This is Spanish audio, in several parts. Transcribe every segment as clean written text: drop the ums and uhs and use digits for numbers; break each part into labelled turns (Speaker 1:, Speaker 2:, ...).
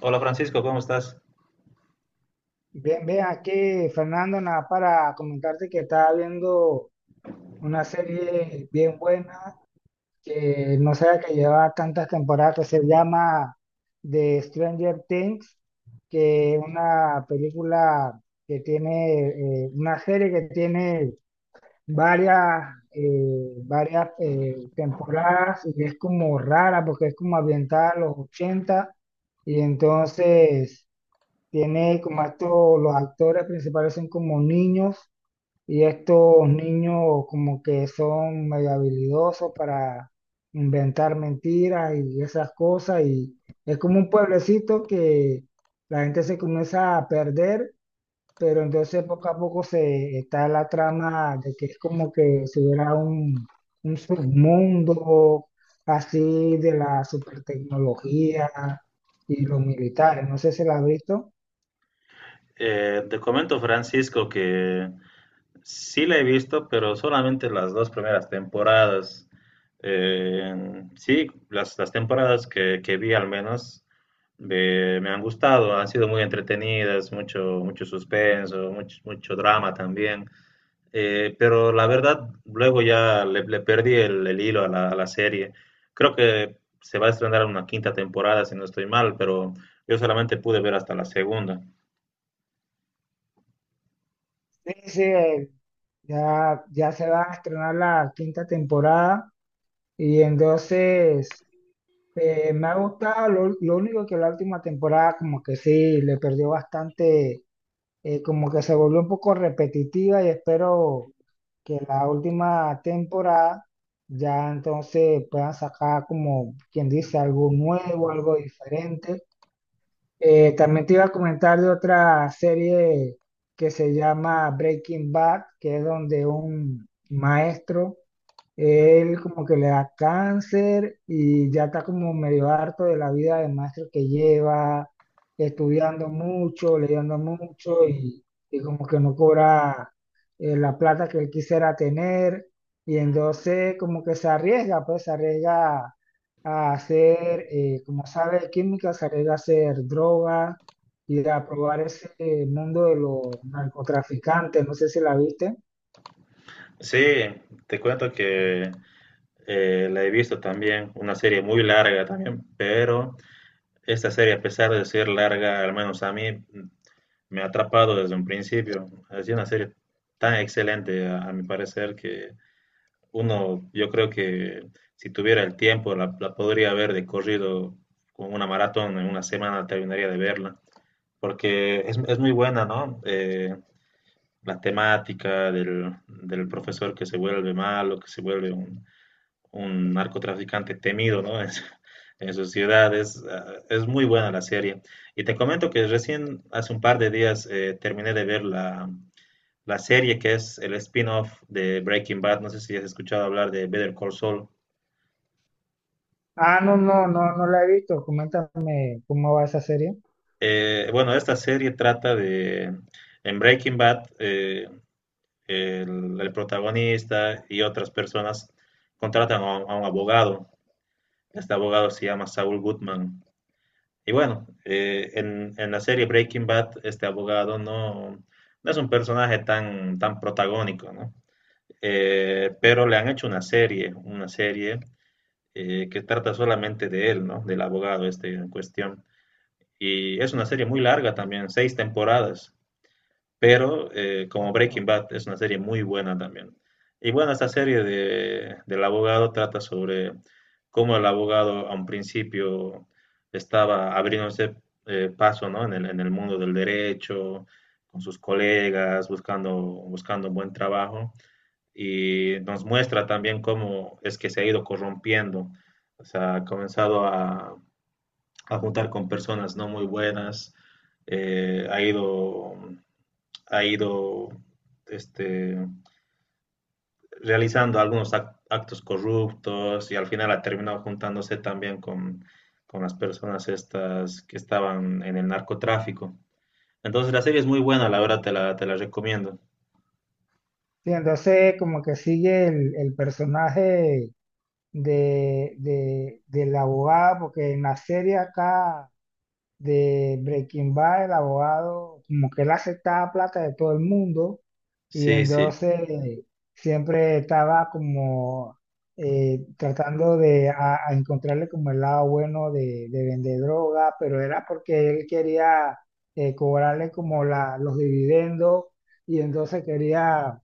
Speaker 1: Hola Francisco, ¿cómo estás?
Speaker 2: Bien, bien, aquí Fernando, nada para comentarte que estaba viendo una serie bien buena que no sabía que lleva tantas temporadas, que se llama The Stranger Things, que es una película que tiene, una serie que tiene varias, varias temporadas y es como rara porque es como ambientada a los 80 y entonces... Tiene como estos, los actores principales son como niños y estos niños como que son medio habilidosos para inventar mentiras y esas cosas y es como un pueblecito que la gente se comienza a perder, pero entonces poco a poco se está la trama de que es como que si hubiera un submundo así de la supertecnología y los militares, no sé si la has visto.
Speaker 1: Te comento Francisco que sí la he visto, pero solamente las dos primeras temporadas. Sí, las temporadas que vi al menos me han gustado, han sido muy entretenidas, mucho suspenso, mucho drama también. Pero la verdad, luego ya le perdí el hilo a la serie. Creo que se va a estrenar una quinta temporada, si no estoy mal, pero yo solamente pude ver hasta la segunda.
Speaker 2: Sí, sí, ya se va a estrenar la 5.ª temporada y entonces me ha gustado, lo único que la última temporada como que sí, le perdió bastante, como que se volvió un poco repetitiva y espero que la última temporada ya entonces puedan sacar como quien dice algo nuevo, algo diferente. También te iba a comentar de otra serie que se llama Breaking Bad, que es donde un maestro, él como que le da cáncer y ya está como medio harto de la vida de maestro que lleva, estudiando mucho, leyendo mucho y como que no cobra la plata que él quisiera tener y entonces como que se arriesga, pues se arriesga a hacer, como sabe de química, salir a hacer droga, ir a probar ese mundo de los narcotraficantes, no sé si la viste.
Speaker 1: Sí, te cuento que la he visto también, una serie muy larga también, pero esta serie, a pesar de ser larga, al menos a mí, me ha atrapado desde un principio. Es una serie tan excelente, a mi parecer, que yo creo que si tuviera el tiempo, la podría ver de corrido con una maratón en una semana, terminaría de verla, porque es muy buena, ¿no? La temática del profesor que se vuelve malo, que se vuelve un narcotraficante temido, ¿no? En su ciudad. Muy buena la serie. Y te comento que recién, hace un par de días, terminé de ver la serie que es el spin-off de Breaking Bad. No sé si has escuchado hablar de Better Call Saul.
Speaker 2: Ah, no, no, no, no la he visto, coméntame cómo va esa serie.
Speaker 1: Bueno, esta serie trata de, en Breaking Bad, el protagonista y otras personas contratan a un abogado. Este abogado se llama Saul Goodman. Y bueno, en la serie Breaking Bad, este abogado no es un personaje tan protagónico, ¿no? Pero le han hecho una serie, que trata solamente de él, ¿no? Del abogado este en cuestión. Y es una serie muy larga también, seis temporadas, pero como Breaking
Speaker 2: Wow.
Speaker 1: Bad es una serie muy buena también. Y bueno, esta serie del abogado trata sobre cómo el abogado a un principio estaba abriéndose paso, ¿no?, en el mundo del derecho, con sus colegas, buscando buen trabajo. Y nos muestra también cómo es que se ha ido corrompiendo. O sea, ha comenzado a juntar con personas no muy buenas, eh, ha ido ha ido este, realizando algunos actos corruptos y al final ha terminado juntándose también con las personas estas que estaban en el narcotráfico. Entonces la serie es muy buena, la verdad te la recomiendo.
Speaker 2: Sí, entonces como que sigue el personaje del abogado, porque en la serie acá de Breaking Bad, el abogado, como que él aceptaba plata de todo el mundo y
Speaker 1: Sí, sí,
Speaker 2: entonces siempre estaba como tratando de a encontrarle como el lado bueno de vender droga, pero era porque él quería cobrarle como la, los dividendos y entonces quería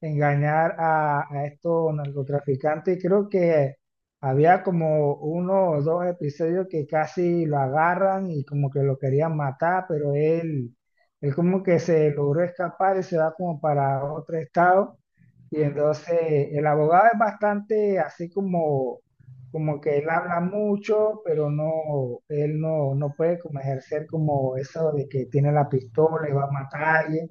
Speaker 2: engañar a estos narcotraficantes. Creo que había como uno o dos episodios que casi lo agarran y como que lo querían matar, pero él como que se logró escapar y se va como para otro estado. Y entonces el abogado es bastante así como, como que él habla mucho, pero no, él no, no puede como ejercer como eso de que tiene la pistola y va a matar a alguien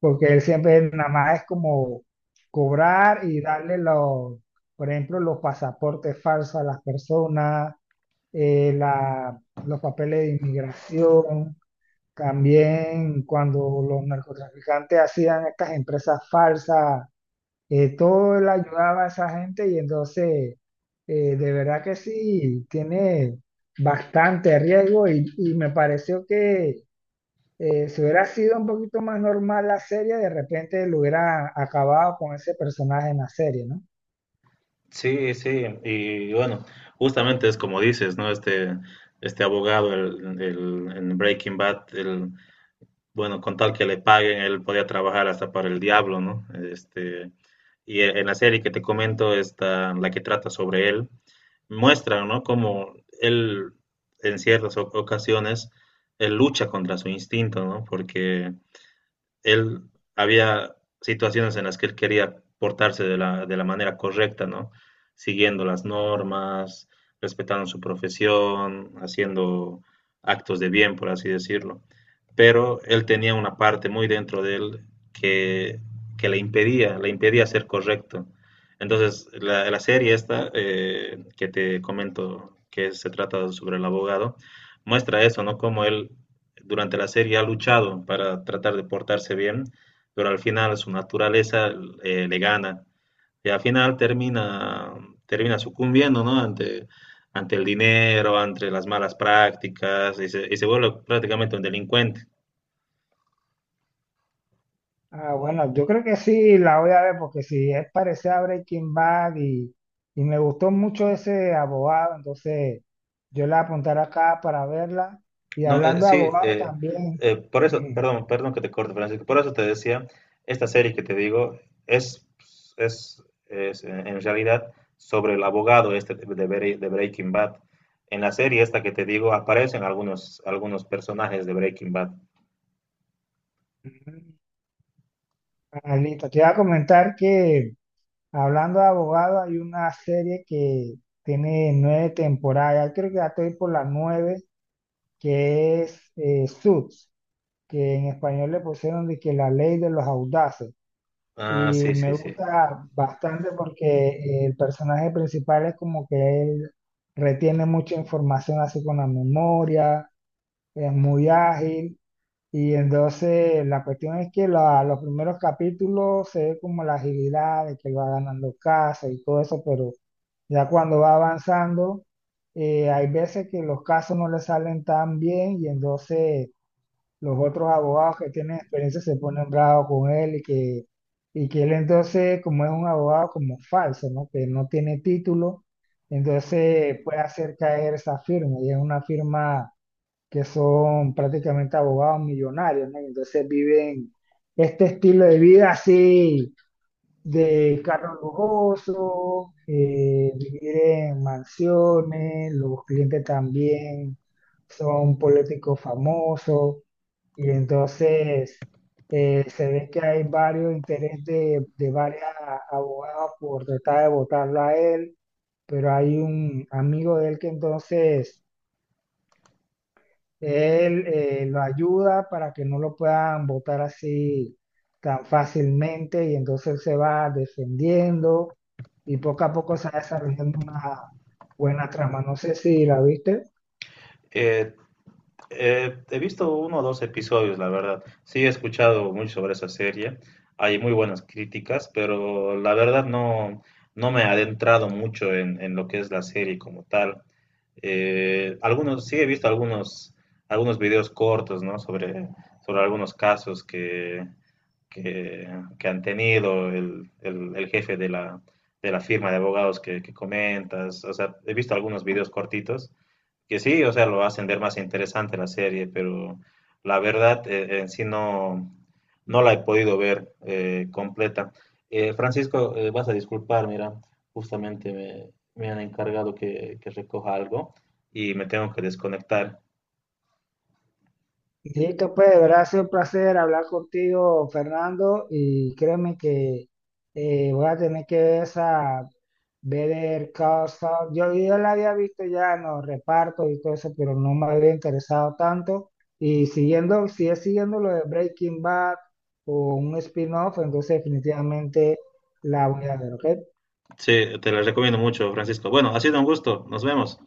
Speaker 2: porque él siempre nada más es como cobrar y darle los, por ejemplo, los pasaportes falsos a las personas, los papeles de inmigración, también cuando los narcotraficantes hacían estas empresas falsas, todo él ayudaba a esa gente y entonces, de verdad que sí, tiene bastante riesgo y me pareció que si hubiera sido un poquito más normal la serie, de repente lo hubiera acabado con ese personaje en la serie, ¿no?
Speaker 1: sí, sí. Y bueno, justamente es como dices, ¿no? Este abogado en Breaking Bad, bueno, con tal que le paguen, él podía trabajar hasta para el diablo, ¿no? Y en la serie que te comento, esta, la que trata sobre él, muestra, ¿no?, cómo él, en ciertas ocasiones, él lucha contra su instinto, ¿no? Porque él había situaciones en las que él quería portarse de la manera correcta, ¿no? Siguiendo las normas, respetando su profesión, haciendo actos de bien, por así decirlo. Pero él tenía una parte muy dentro de él que, que le impedía ser correcto. Entonces, la serie esta, que te comento que se trata sobre el abogado, muestra eso, ¿no?, cómo él durante la serie ha luchado para tratar de portarse bien, pero al final su naturaleza le gana y al final termina sucumbiendo, ¿no?, ante el dinero, ante las malas prácticas y se vuelve prácticamente un delincuente.
Speaker 2: Ah, bueno, yo creo que sí la voy a ver porque si es parecida a Breaking Bad y me gustó mucho ese abogado, entonces yo la apuntaré acá para verla. Y
Speaker 1: No,
Speaker 2: hablando de
Speaker 1: sí,
Speaker 2: abogados también,
Speaker 1: por eso,
Speaker 2: ujú,
Speaker 1: perdón que te corte, Francisco, por eso te decía, esta serie que te digo es, es, es en realidad sobre el abogado este de Breaking Bad. En la serie esta que te digo aparecen algunos personajes de Breaking Bad.
Speaker 2: ujú, ah, listo, te iba a comentar que hablando de abogados hay una serie que tiene 9 temporadas, creo que ya estoy por las 9, que es Suits, que en español le pusieron de que la ley de los audaces.
Speaker 1: Ah,
Speaker 2: Y
Speaker 1: sí,
Speaker 2: me
Speaker 1: sí, sí.
Speaker 2: gusta bastante porque el personaje principal es como que él retiene mucha información así con la memoria, es muy ágil. Y entonces la cuestión es que los primeros capítulos se ve como la agilidad de que va ganando casos y todo eso, pero ya cuando va avanzando, hay veces que los casos no le salen tan bien y entonces los otros abogados que tienen experiencia se ponen bravos con él y que él entonces, como es un abogado como falso, ¿no? Que no tiene título, entonces puede hacer caer esa firma y es una firma que son prácticamente abogados millonarios, ¿no? Y entonces viven este estilo de vida así de carros lujosos, vivir en mansiones, los clientes también son políticos famosos y entonces se ve que hay varios intereses de varias abogadas por tratar de votarlo a él, pero hay un amigo de él que entonces él lo ayuda para que no lo puedan botar así tan fácilmente y entonces él se va defendiendo y poco a poco se va desarrollando una buena trama. No sé si la viste.
Speaker 1: Eh, he visto uno o dos episodios, la verdad. Sí, he escuchado mucho sobre esa serie. Hay muy buenas críticas, pero la verdad no me he adentrado mucho en lo que es la serie como tal. Sí he visto algunos videos cortos, ¿no?, sobre algunos casos que, que han tenido el jefe de la firma de abogados que comentas. O sea, he visto algunos videos cortitos que sí, o sea, lo va a hacer más interesante la serie, pero la verdad en sí no la he podido ver completa. Francisco, vas a disculpar, mira, justamente me han encargado que recoja algo y me tengo que desconectar.
Speaker 2: Listo, pues, de verdad ha sido un placer hablar contigo, Fernando, y créeme que voy a tener que ver esa Better Call Saul. Yo la había visto ya en los repartos y todo eso, pero no me había interesado tanto. Y siguiendo, si es siguiendo lo de Breaking Bad o un spin-off, entonces definitivamente la voy a ver, ¿ok?
Speaker 1: Sí, te la recomiendo mucho, Francisco. Bueno, ha sido un gusto, nos vemos.